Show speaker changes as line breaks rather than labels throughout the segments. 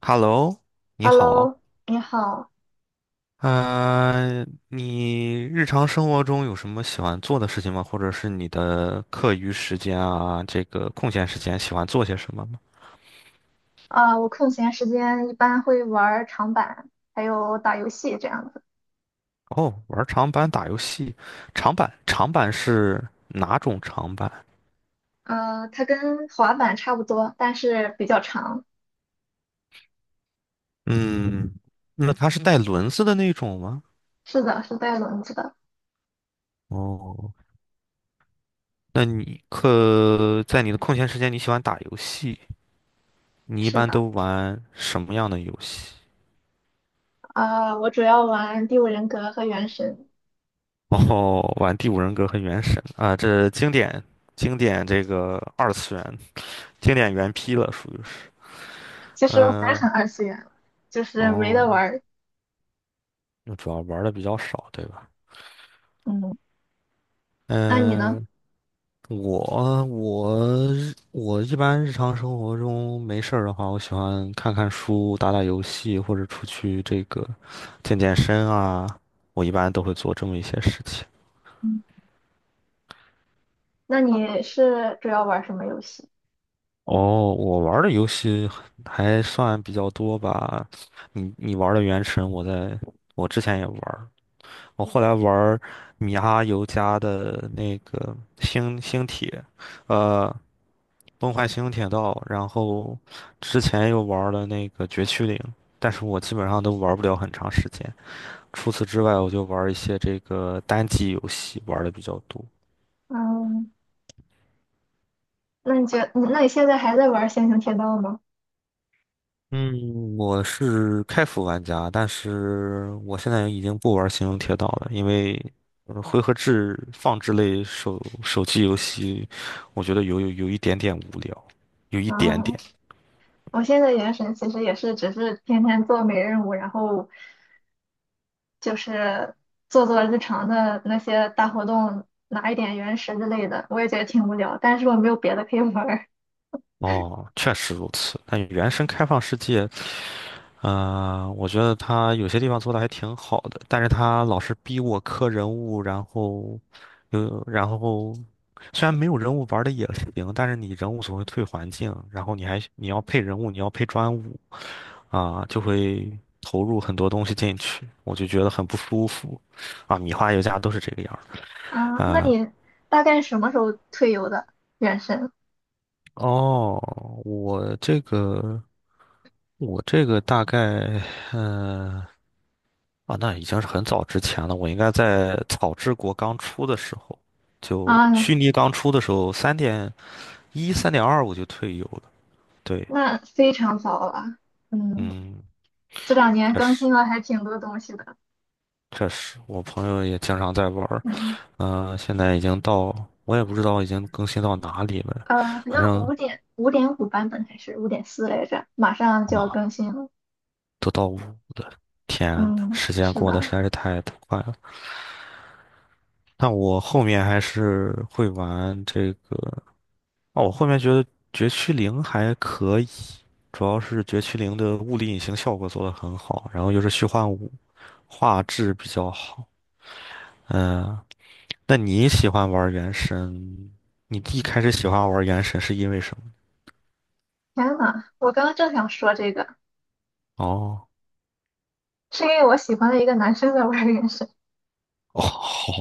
Hello，你好。
Hello，你好，
嗯、你日常生活中有什么喜欢做的事情吗？或者是你的课余时间啊，这个空闲时间喜欢做些什么吗？
我空闲时间一般会玩儿长板，还有打游戏这样子。
哦，玩长板、打游戏。长板是哪种长板？
它跟滑板差不多，但是比较长。
嗯，那它是带轮子的那种吗？
是的，是带轮子的。
哦，那你在你的空闲时间，你喜欢打游戏？你一
是
般都
的，
玩什么样的游戏？
我主要玩《第五人格》和《原神》。
然后玩第五人格和原神啊，这经典这个二次元经典原批了，属于是。
其实我才
嗯。
很二次元了，就是没得
哦，
玩儿。
就主要玩的比较少，对吧？
嗯，那你呢？
嗯、我我我一般日常生活中没事儿的话，我喜欢看看书、打打游戏，或者出去这个健健身啊，我一般都会做这么一些事情。
嗯，那你是主要玩儿什么游戏？
哦，我玩儿的游戏还算比较多吧。你玩儿的《原神》，我在我之前也玩儿，我后来玩儿米哈游家的那个星铁，呃，崩坏星铁道，然后之前又玩儿了那个绝区零，但是我基本上都玩儿不了很长时间。除此之外，我就玩儿一些这个单机游戏玩儿的比较多。
嗯，那你现在还在玩儿《仙行铁道》吗？
嗯，我是开服玩家，但是我现在已经不玩《星穹铁道》了，因为回合制放置类手机游戏，我觉得有一点点无聊，有一点
啊、
点。
我现在原神其实也是只是天天做每日任务，然后就是做做日常的那些大活动，拿一点原石之类的，我也觉得挺无聊，但是我没有别的可以玩儿。
哦，确实如此。但原生开放世界我觉得他有些地方做的还挺好的，但是他老是逼我磕人物，然后有然后虽然没有人物玩的也行，但是你人物总会退环境，然后你要配人物，你要配专武啊，就会投入很多东西进去，我就觉得很不舒服啊。米花游家都是这个样儿的。
啊，那你大概什么时候退游的原神？
哦，我这个我这个大概。啊，那已经是很早之前了。我应该在草之国刚出的时候，就
啊，
虚拟刚出的时候，3.1、3.2我就退游了。对，
那非常早了。嗯，
嗯，
这两年
确
更
实
新了还挺多东西的。
确实，我朋友也经常在玩儿。
嗯，
现在已经到，我也不知道已经更新到哪里了，
好
反
像
正
五点五版本还是5.4来着，马上就要
啊，
更新了。
都到五了。天呐
嗯，
时间
是
过得
的。
实在是太快了。但我后面还是会玩这个。哦，我后面觉得绝区零还可以，主要是绝区零的物理隐形效果做得很好，然后又是虚幻五，画质比较好。嗯，那你喜欢玩原神？你一开始喜欢玩原神是因为什么？
天呐，我刚刚正想说这个，
哦
是因为我喜欢的一个男生在玩原神
哦，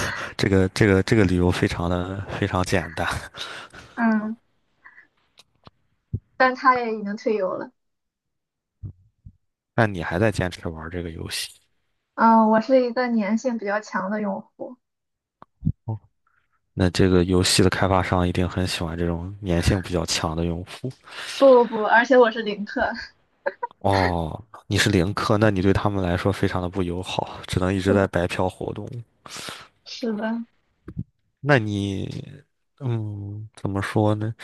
这个理由非常的非常简单。
嗯，但他也已经退游了。
那你还在坚持玩这个游戏，
嗯，我是一个粘性比较强的用户，
那这个游戏的开发商一定很喜欢这种粘性比较强的用户。
不不不，而且我是零氪。
哦，你是零氪，那你对他们来说非常的不友好，只能一直
是
在
的，
白嫖活动。
是的，
那你，怎么说呢？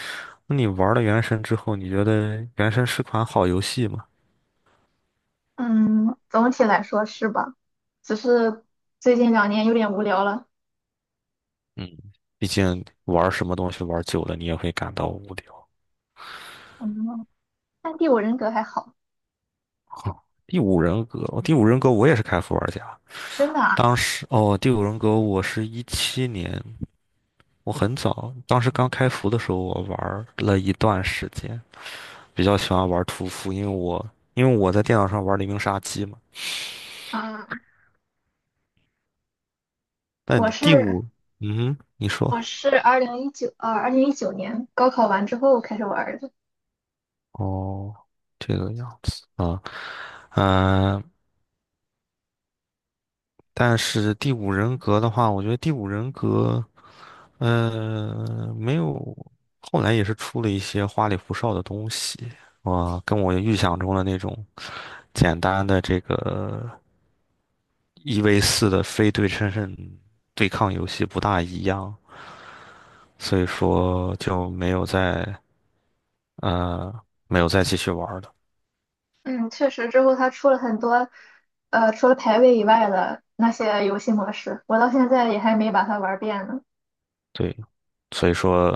那你玩了《原神》之后，你觉得《原神》是款好游戏吗？
嗯，总体来说是吧？只是最近两年有点无聊了。
嗯，毕竟玩什么东西玩久了，你也会感到无聊。
嗯，但第五人格还好，
第五人格，哦第五人格我也是开服玩家。
真的啊。
当时哦，第五人格我是17年，我很早，当时刚开服的时候我玩了一段时间，比较喜欢玩屠夫，因为我在电脑上玩黎明杀机嘛。
啊，
但
我
你第
是
五，嗯哼，你
我
说。
是二零一九年高考完之后开始玩儿的。
哦，这个样子啊。嗯、但是第五人格的话，我觉得第五人格，呃，没有，后来也是出了一些花里胡哨的东西啊，跟我预想中的那种简单的这个1v4的非对称性对抗游戏不大一样。所以说就没有呃没有再继续玩儿了。
嗯，确实，之后它出了很多，除了排位以外的那些游戏模式，我到现在也还没把它玩遍呢。
对，所以说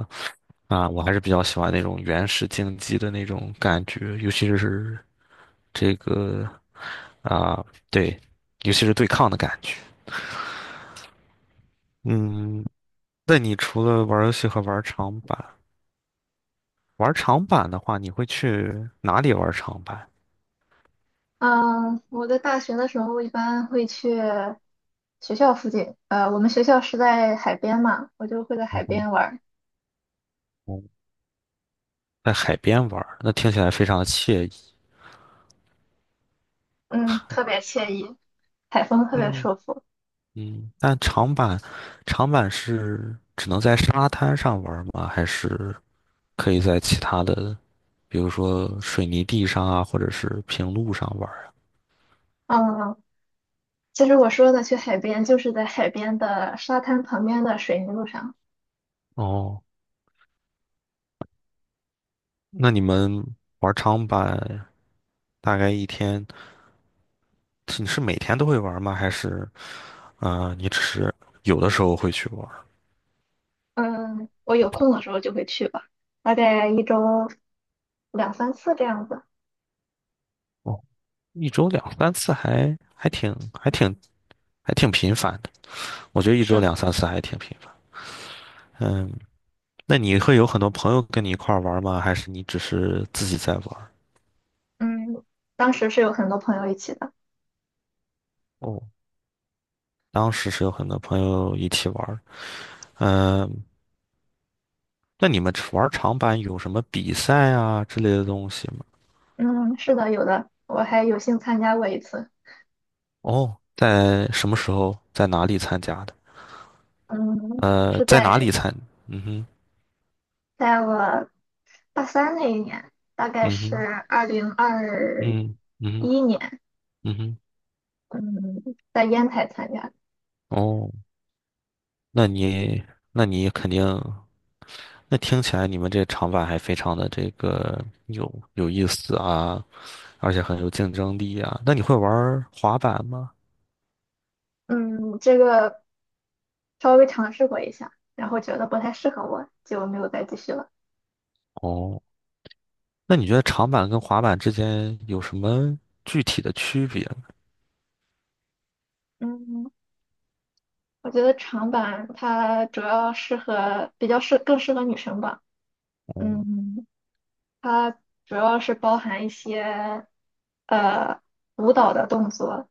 啊，我还是比较喜欢那种原始竞技的那种感觉，尤其是这个啊，对，尤其是对抗的感觉。嗯，那你除了玩游戏和玩长板，玩长板的话，你会去哪里玩长板？
嗯，我在大学的时候一般会去学校附近，我们学校是在海边嘛，我就会在海边玩儿，
嗯在海边玩儿那听起来非常的惬意。
嗯，特别惬意，海风特别
嗯，
舒服。
嗯，但长板，长板是只能在沙滩上玩儿吗？还是可以在其他的，比如说水泥地上啊，或者是平路上玩儿啊？
嗯，其实我说的去海边，就是在海边的沙滩旁边的水泥路上。
哦，那你们玩长板大概一天，是每天都会玩吗？还是，啊、你只是有的时候会去玩儿
嗯，我有空的时候就会去吧，大概一周两三次这样子。
哦，一周两三次还挺还挺频繁的，我觉得一周
是的。
两三次还挺频繁。嗯，那你会有很多朋友跟你一块儿玩吗？还是你只是自己在玩
嗯，当时是有很多朋友一起的。
哦，当时是有很多朋友一起玩。嗯，呃那你们玩长板有什么比赛啊之类的东西吗？
嗯，是的，有的，我还有幸参加过一次。
哦，在什么时候，在哪里参加的？
嗯，是
在哪里
在
参？嗯哼，
在我大三那一年，大概
嗯
是
哼，
二零二
嗯哼，
一年，
嗯哼。
嗯，在烟台参加的。
哦，那你那你那听起来你们这长板还非常的这个有意思啊，而且很有竞争力啊。那你会玩儿滑板吗？
嗯，这个稍微尝试过一下，然后觉得不太适合我，就没有再继续了。
哦，那你觉得长板跟滑板之间有什么具体的区别呢？
嗯，我觉得长板它主要适合，比较适，更适合女生吧。
哦，
嗯。它主要是包含一些呃舞蹈的动作，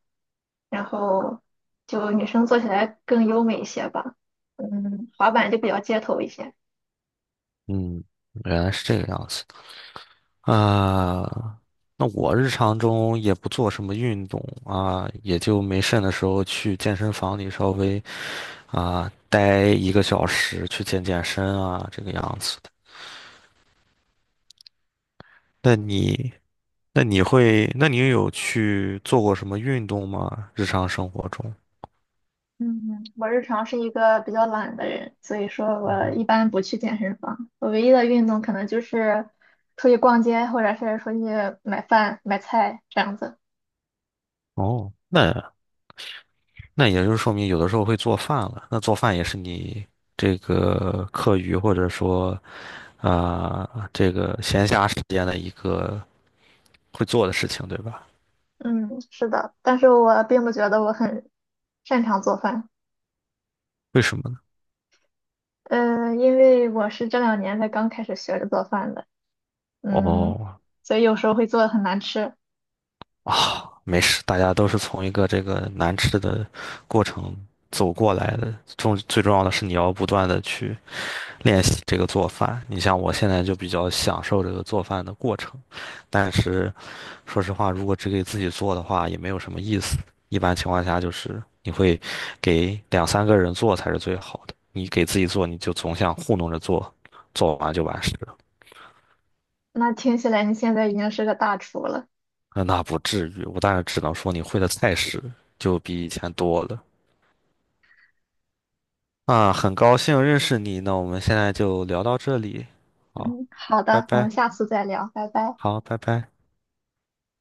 然后就女生做起来更优美一些吧。嗯，滑板就比较街头一些。
嗯，原来是这个样子啊。那我日常中也不做什么运动啊，也就没事的时候去健身房里稍微啊待一个小时去健健身啊，这个样子的。那你？那你有去做过什么运动吗？日常生活中？
嗯，我日常是一个比较懒的人，所以说
嗯
我
哼，
一般不去健身房。我唯一的运动可能就是出去逛街，或者是出去买饭、买菜这样子。
哦，那那也就是说明有的时候会做饭了。那做饭也是你这个课余或者说啊、这个闲暇时间的一个会做的事情，对吧？
嗯，是的，但是我并不觉得我很擅长做饭。
为什么呢？
因为我是这两年才刚开始学着做饭的，嗯，
哦，
所以有时候会做的很难吃。
啊，没事，大家都是从一个这个难吃的过程走过来的。最重要的是你要不断的去练习这个做饭。你像我现在就比较享受这个做饭的过程，但是说实话，如果只给自己做的话，也没有什么意思。一般情况下，就是你会给两三个人做才是最好的。你给自己做，你就总想糊弄着做，做完就完事了。
那听起来你现在已经是个大厨了，
那不至于，我当然只能说你会的菜式就比以前多了。啊，很高兴认识你，那我们现在就聊到这里，好，
嗯，好
拜
的，我
拜，
们下次再聊，拜拜。
好，拜拜。